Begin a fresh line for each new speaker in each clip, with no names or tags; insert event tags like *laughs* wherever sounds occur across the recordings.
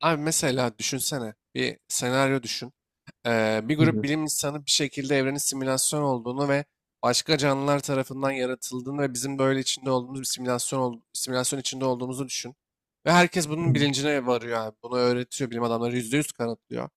Abi mesela düşünsene bir senaryo düşün. Bir
Hı
grup
hı,
bilim insanı bir şekilde evrenin simülasyon olduğunu ve başka canlılar tarafından yaratıldığını ve bizim böyle içinde olduğumuz bir simülasyon içinde olduğumuzu düşün. Ve herkes
hı
bunun bilincine varıyor abi. Bunu öğretiyor bilim adamları %100 kanıtlıyor.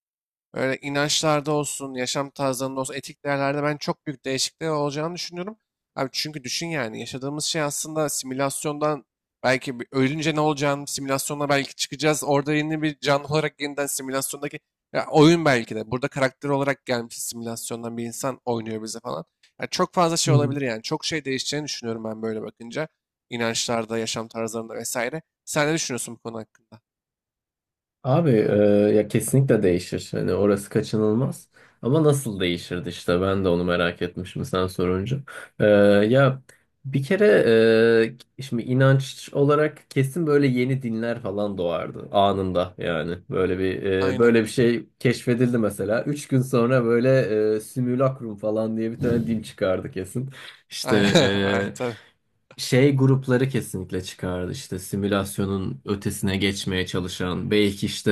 Böyle inançlarda olsun, yaşam tarzlarında olsun, etik değerlerde ben çok büyük değişiklikler olacağını düşünüyorum. Abi çünkü düşün yani yaşadığımız şey aslında simülasyondan ölünce ne olacağını simülasyonda belki çıkacağız. Orada yeni bir canlı olarak yeniden simülasyondaki ya oyun belki de. Burada karakter olarak gelmiş simülasyondan bir insan oynuyor bize falan. Ya çok fazla şey
hı.
olabilir yani. Çok şey değişeceğini düşünüyorum ben böyle bakınca. İnançlarda, yaşam tarzlarında vesaire. Sen ne düşünüyorsun bu konu hakkında?
Abi, ya kesinlikle değişir. Hani orası kaçınılmaz. Ama nasıl değişirdi işte, ben de onu merak etmişim sen sorunca. E, Ya bir kere şimdi inanç olarak kesin böyle yeni dinler falan doğardı anında yani.
Aynen.
Böyle bir şey keşfedildi mesela. Üç gün sonra böyle simülakrum falan diye bir tane din
*laughs*
çıkardı kesin. İşte
Aynen. Aynen. Tabii.
şey grupları kesinlikle çıkardı işte, simülasyonun ötesine geçmeye çalışan, belki işte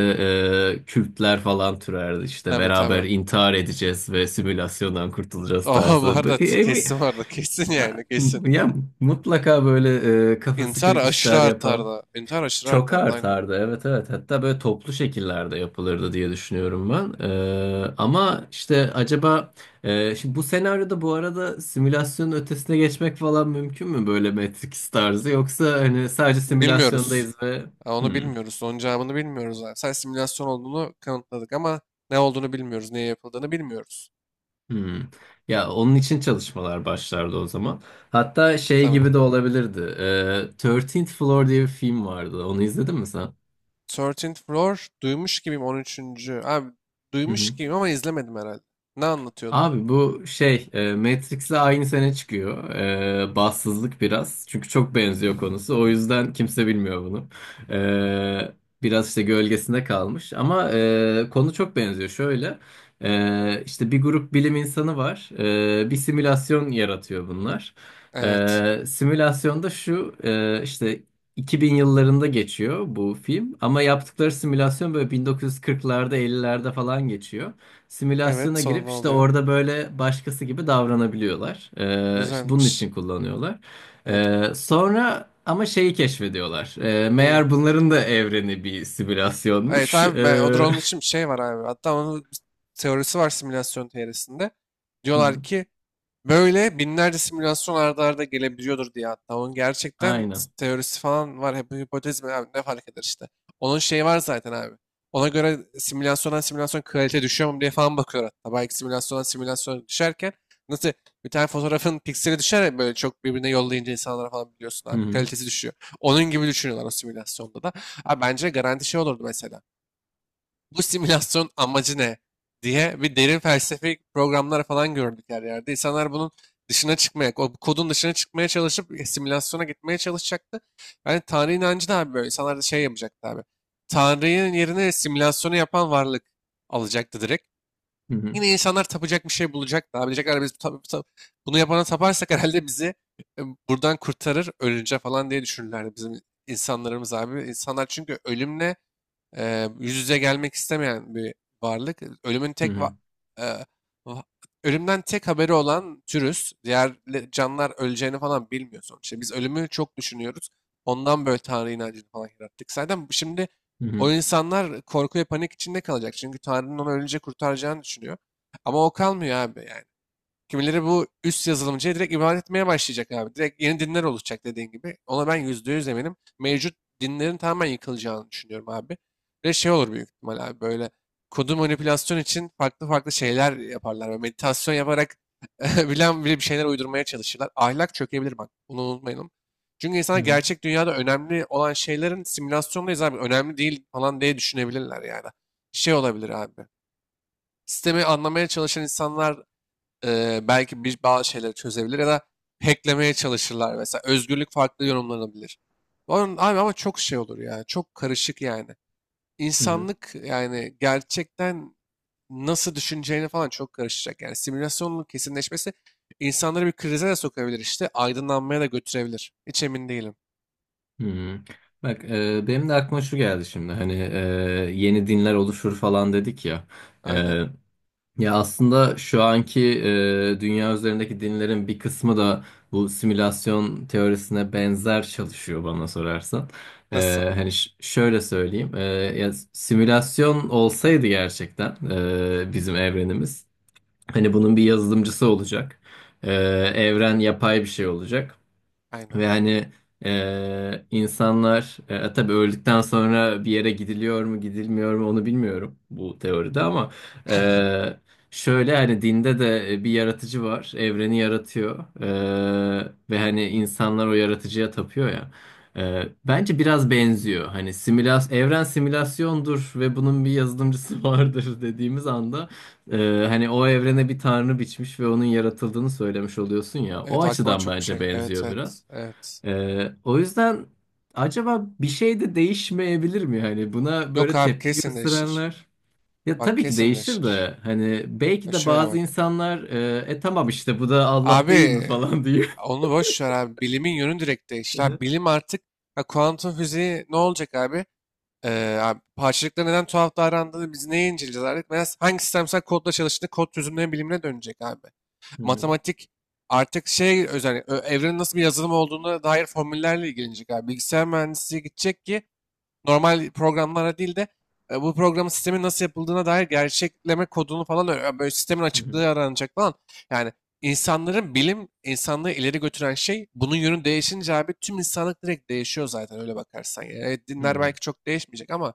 kültler falan türerdi işte,
Tabii,
beraber
tabii.
intihar edeceğiz ve simülasyondan kurtulacağız
Aa, bu
tarzı.
arada kesin vardı. Kesin yani
Ya,
kesin.
ya mutlaka böyle kafası
İntihar
kırık
aşırı
işler yapan.
artardı. İntihar aşırı
Çok
artardı, aynen.
artardı, evet, evet, hatta böyle toplu şekillerde yapılırdı diye düşünüyorum ben. Ama işte acaba şimdi bu senaryoda, bu arada, simülasyonun ötesine geçmek falan mümkün mü böyle Matrix tarzı, yoksa hani sadece
Bilmiyoruz.
simülasyondayız ve
Ha, onu
hmm,
bilmiyoruz. Onun cevabını bilmiyoruz abi. Sen simülasyon olduğunu kanıtladık ama ne olduğunu bilmiyoruz. Neye yapıldığını bilmiyoruz.
hmm. Ya onun için çalışmalar başlardı o zaman. Hatta şey
Tamam.
gibi de olabilirdi, 13th Floor diye bir film vardı, onu izledin mi sen?
13th Floor duymuş gibiyim, 13. abi, duymuş gibiyim ama izlemedim herhalde. Ne anlatıyordu?
Abi bu şey Matrix'le aynı sene çıkıyor. Bahtsızlık biraz. Çünkü çok benziyor konusu. O yüzden kimse bilmiyor bunu. E, Biraz işte gölgesinde kalmış. Ama konu çok benziyor. Şöyle işte bir grup bilim insanı var. Bir simülasyon yaratıyor bunlar.
Evet.
Simülasyonda şu işte 2000 yıllarında geçiyor bu film. Ama yaptıkları simülasyon böyle 1940'larda, 50'lerde falan geçiyor.
Evet,
Simülasyona
sonra ne
girip işte
oluyor?
orada böyle başkası gibi davranabiliyorlar. İşte bunun
Güzelmiş.
için kullanıyorlar.
Evet.
Sonra ama şeyi keşfediyorlar.
Neyi?
Meğer bunların da evreni bir
Evet
simülasyonmuş.
abi ben, o drone için bir
*laughs*
şey var abi. Hatta onun bir teorisi var simülasyon teorisinde.
Hı
Diyorlar
hı,
ki böyle binlerce simülasyon arda arda gelebiliyordur diye hatta. Onun gerçekten
aynen.
teorisi falan var. Hep hipotez mi abi, ne fark eder işte. Onun şeyi var zaten abi. Ona göre simülasyondan simülasyon kalite düşüyor mu diye falan bakıyor hatta. Belki simülasyondan simülasyon düşerken nasıl bir tane fotoğrafın pikseli düşer ya böyle çok birbirine yollayınca insanlara falan, biliyorsun
Hı
abi.
hı,
Kalitesi düşüyor. Onun gibi düşünüyorlar o simülasyonda da. Abi bence garanti şey olurdu, mesela bu simülasyon amacı ne diye bir derin felsefik programlar falan gördük her yerde. İnsanlar bunun dışına çıkmaya, o kodun dışına çıkmaya çalışıp simülasyona gitmeye çalışacaktı. Yani Tanrı inancı da abi böyle. İnsanlar da şey yapacaktı abi. Tanrı'nın yerine simülasyonu yapan varlık alacaktı direkt.
hı hı,
Yine insanlar tapacak bir şey bulacaktı. Abi diyecekler biz bunu yapana taparsak herhalde bizi e, buradan kurtarır ölünce falan diye düşünürlerdi bizim insanlarımız abi. İnsanlar çünkü ölümle yüz yüze gelmek istemeyen bir varlık. Ölümün
hı
tek va-
hı,
e, va- Ölümden tek haberi olan türüz. Diğer canlılar öleceğini falan bilmiyor sonuçta. Biz ölümü çok düşünüyoruz. Ondan böyle Tanrı inancını falan yarattık. Zaten şimdi
hı hı,
o insanlar korku ve panik içinde kalacak. Çünkü Tanrı'nın onu ölünce kurtaracağını düşünüyor. Ama o kalmıyor abi. Yani kimileri bu üst yazılımcıya direkt ibadet etmeye başlayacak abi. Direkt yeni dinler oluşacak, dediğin gibi. Ona ben %100 eminim. Mevcut dinlerin tamamen yıkılacağını düşünüyorum abi. Ve şey olur büyük ihtimal abi, böyle kodu manipülasyon için farklı farklı şeyler yaparlar. Böyle meditasyon yaparak *laughs* bilen bile bir şeyler uydurmaya çalışırlar. Ahlak çökebilir bak. Bunu unutmayalım. Çünkü
hı
insanlar
hı,
gerçek dünyada önemli olan şeylerin simülasyondayız abi. Önemli değil falan diye düşünebilirler yani. Şey olabilir abi. Sistemi anlamaya çalışan insanlar belki bir bazı şeyleri çözebilir ya da hacklemeye çalışırlar mesela. Özgürlük farklı yorumlanabilir. Onun, abi ama çok şey olur ya. Çok karışık yani.
hı hı,
İnsanlık yani gerçekten nasıl düşüneceğini falan çok karışacak. Yani simülasyonun kesinleşmesi insanları bir krize de sokabilir işte. Aydınlanmaya da götürebilir. Hiç emin değilim.
hı hı. Bak benim de aklıma şu geldi şimdi, hani yeni dinler oluşur falan dedik ya. E,
Aynen.
Ya aslında şu anki dünya üzerindeki dinlerin bir kısmı da bu simülasyon teorisine benzer çalışıyor bana sorarsan.
Nasıl?
Hani şöyle söyleyeyim, ya simülasyon olsaydı gerçekten, bizim evrenimiz, hani bunun bir yazılımcısı olacak, E, evren yapay bir şey olacak.
Aynen.
Ve hani insanlar, tabii öldükten sonra bir yere gidiliyor mu gidilmiyor mu onu bilmiyorum bu teoride, ama
*laughs* Aynen.
e, şöyle hani dinde de bir yaratıcı var, evreni yaratıyor. Ve hani insanlar o yaratıcıya tapıyor ya. Bence biraz benziyor, hani evren simülasyondur ve bunun bir yazılımcısı *laughs* vardır dediğimiz anda hani o evrene bir tanrı biçmiş ve onun yaratıldığını söylemiş oluyorsun ya, o
Evet aklıma
açıdan
çok bir şey
bence
gel- Evet,
benziyor biraz.
evet, evet.
O yüzden acaba bir şey de değişmeyebilir mi? Hani buna
Yok
böyle
abi,
tepki
kesin değişir.
gösterenler. Ya
Bak
tabii ki
kesin
değişir
değişir.
de, hani
Ya
belki de
şöyle
bazı
bak.
insanlar "E, tamam işte, bu da Allah değil
Abi
mi" falan diyor.
onu boş ver abi. Bilimin yönü direkt
*laughs*
değişti. Abi,
Hı
bilim artık, ha, kuantum fiziği ne olacak abi? Abi parçacıklar neden tuhaf davrandığını biz neye inceleyeceğiz artık? Mesela hangi sistemsel kodla çalıştığını kod çözümleri bilimine dönecek abi.
hı.
Matematik artık evrenin nasıl bir yazılım olduğuna dair formüllerle ilgilenecek abi. Bilgisayar mühendisliği gidecek ki normal programlara değil de bu programın sistemin nasıl yapıldığına dair gerçekleme kodunu falan böyle sistemin
Hı hı.
açıklığı aranacak falan. Yani insanların bilim insanlığı ileri götüren şey bunun yönü değişince abi tüm insanlık direkt değişiyor zaten öyle bakarsan. Yani evet,
Hı
dinler
hı.
belki çok değişmeyecek ama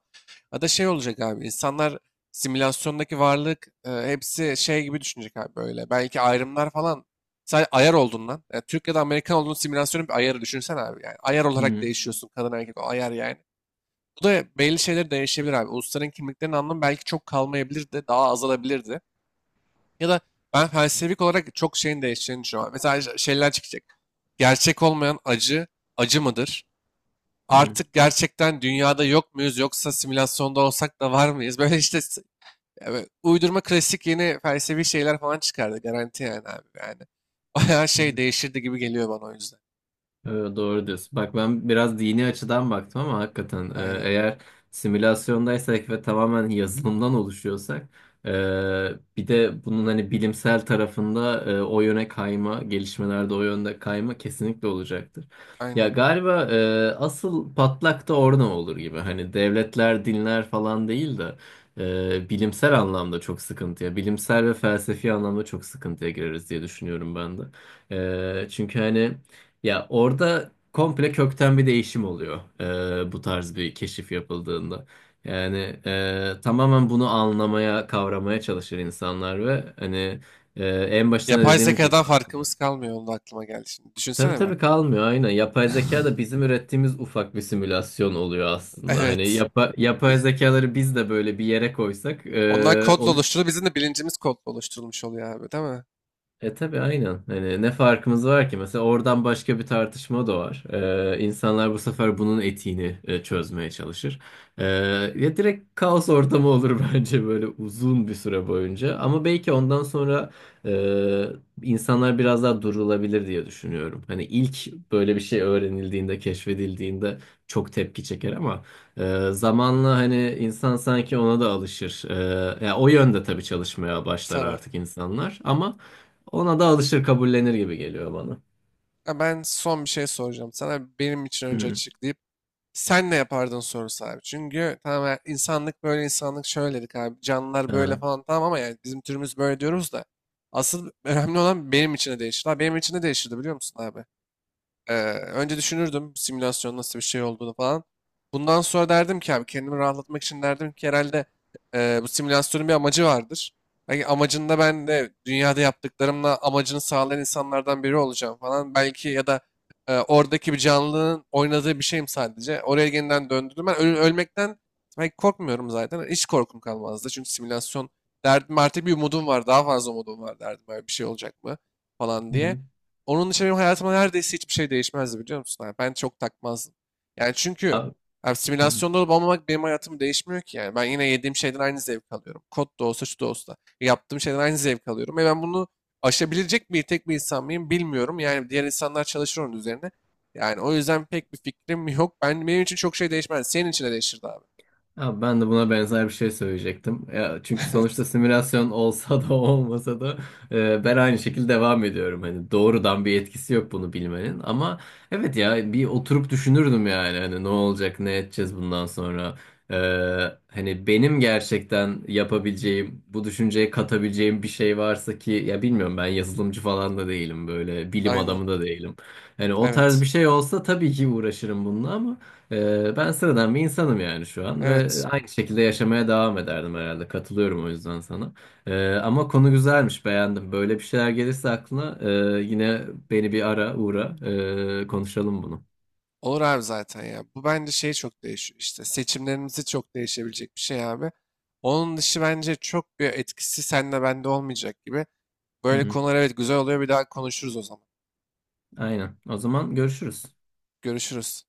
ya da şey olacak abi, insanlar simülasyondaki varlık hepsi şey gibi düşünecek abi böyle. Belki ayrımlar falan, sen ayar oldun lan. Yani Türk ya da Amerikan olduğun simülasyonun bir ayarı düşünsen abi yani. Ayar
Hı
olarak
hı.
değişiyorsun, kadın erkek o ayar yani. Bu da belli şeyler değişebilir abi. Ulusların kimliklerinin anlamı belki çok kalmayabilir de daha azalabilirdi. Ya da ben felsefik olarak çok şeyin değişeceğini düşünüyorum. Mesela şeyler çıkacak. Gerçek olmayan acı, acı mıdır?
Hı
Artık gerçekten dünyada yok muyuz yoksa simülasyonda olsak da var mıyız? *laughs* Evet, uydurma klasik yeni felsefi şeyler falan çıkardı garanti yani abi yani. *laughs* Bayağı şey
hı.
değişirdi gibi geliyor bana o yüzden.
Doğru diyorsun. Bak, ben biraz dini açıdan baktım, ama hakikaten
Aynen,
eğer simülasyondaysak ve tamamen yazılımdan oluşuyorsak, e, bir de bunun hani bilimsel tarafında, o yöne kayma, gelişmelerde o yönde kayma kesinlikle olacaktır. Ya
aynen.
galiba asıl patlak da orada olur gibi. Hani devletler, dinler falan değil de bilimsel anlamda çok sıkıntıya, bilimsel ve felsefi anlamda çok sıkıntıya gireriz diye düşünüyorum ben de. Çünkü hani ya orada komple kökten bir değişim oluyor bu tarz bir keşif yapıldığında. Yani tamamen bunu anlamaya, kavramaya çalışır insanlar ve hani en başında
Yapay
dediğimiz gibi
zekadan
aslında.
farkımız kalmıyor. Onu da aklıma geldi şimdi.
Tabii,
Düşünsene be.
tabii, kalmıyor, aynen. Yapay zeka da bizim ürettiğimiz ufak bir simülasyon oluyor aslında. Hani
Evet.
yapay zekaları biz de böyle bir yere koysak
Onlar kodla
onu.
oluşturulur. Bizim de bilincimiz kodla oluşturulmuş oluyor abi, değil mi?
Tabii, aynen. Hani ne farkımız var ki? Mesela oradan başka bir tartışma da var. İnsanlar bu sefer bunun etiğini çözmeye çalışır. Ee, Ya direkt kaos ortamı olur *laughs* bence, böyle uzun bir süre boyunca. Ama belki ondan sonra e, insanlar biraz daha durulabilir diye düşünüyorum. Hani ilk böyle bir şey öğrenildiğinde, keşfedildiğinde çok tepki çeker, ama zamanla hani insan sanki ona da alışır. Ya o yönde tabii çalışmaya başlar
Tamam.
artık insanlar, ama ona da alışır, kabullenir gibi geliyor bana.
Ha, ben son bir şey soracağım sana. Benim için
Hı
önce
hı.
açıklayıp sen ne yapardın sorusu abi. Çünkü tamam ya, insanlık böyle insanlık şöyle dedik abi. Canlılar böyle
Aha.
falan tamam ama yani bizim türümüz böyle diyoruz da. Asıl önemli olan benim için ne değişir. Ha, benim için ne değişirdi biliyor musun abi? Ee, Önce düşünürdüm simülasyon nasıl bir şey olduğunu falan. Bundan sonra derdim ki abi, kendimi rahatlatmak için derdim ki herhalde bu simülasyonun bir amacı vardır. Belki amacında ben de dünyada yaptıklarımla amacını sağlayan insanlardan biri olacağım falan. Belki ya da oradaki bir canlının oynadığı bir şeyim sadece. Oraya yeniden döndürdüm. Ölmekten belki korkmuyorum zaten. Hiç korkum kalmazdı. Çünkü simülasyon derdim, artık bir umudum var. Daha fazla umudum var derdim. Böyle bir şey olacak mı falan
Hı
diye.
hı.
Onun dışında benim hayatımda neredeyse hiçbir şey değişmezdi biliyor musun abi? Ben çok takmazdım. Yani çünkü
Abi.
abi
Hı hı.
simülasyonda olup olmamak benim hayatımı değişmiyor ki yani. Ben yine yediğim şeyden aynı zevk alıyorum. Kod da olsa şu da olsa. Yaptığım şeyden aynı zevk alıyorum. Ve ben bunu aşabilecek tek bir insan mıyım bilmiyorum. Yani diğer insanlar çalışır onun üzerine. Yani o yüzden pek bir fikrim yok. Benim için çok şey değişmez. Senin için de değişirdi abi.
Ya ben de buna benzer bir şey söyleyecektim. Ya çünkü
*laughs* Evet.
sonuçta simülasyon olsa da *laughs* olmasa da ben aynı şekilde devam ediyorum. Hani doğrudan bir etkisi yok bunu bilmenin. Ama evet, ya bir oturup düşünürdüm yani, hani ne olacak ne edeceğiz bundan sonra. E, Hani benim gerçekten yapabileceğim, bu düşünceye katabileceğim bir şey varsa, ki ya bilmiyorum, ben yazılımcı falan da değilim, böyle bilim
Aynen.
adamı da değilim. Hani o tarz
Evet.
bir şey olsa tabii ki uğraşırım bununla, ama. Ben sıradan bir insanım yani şu an,
Evet.
ve aynı şekilde yaşamaya devam ederdim herhalde. Katılıyorum o yüzden sana. Ama konu güzelmiş, beğendim. Böyle bir şeyler gelirse aklına yine beni bir ara uğra, konuşalım bunu.
Olur abi zaten ya. Bu bence şey çok değişiyor işte. Seçimlerimizi çok değişebilecek bir şey abi. Onun dışı bence çok bir etkisi senle bende olmayacak gibi.
Hı
Böyle
hı,
konular evet güzel oluyor. Bir daha konuşuruz o zaman.
aynen. O zaman görüşürüz.
Görüşürüz.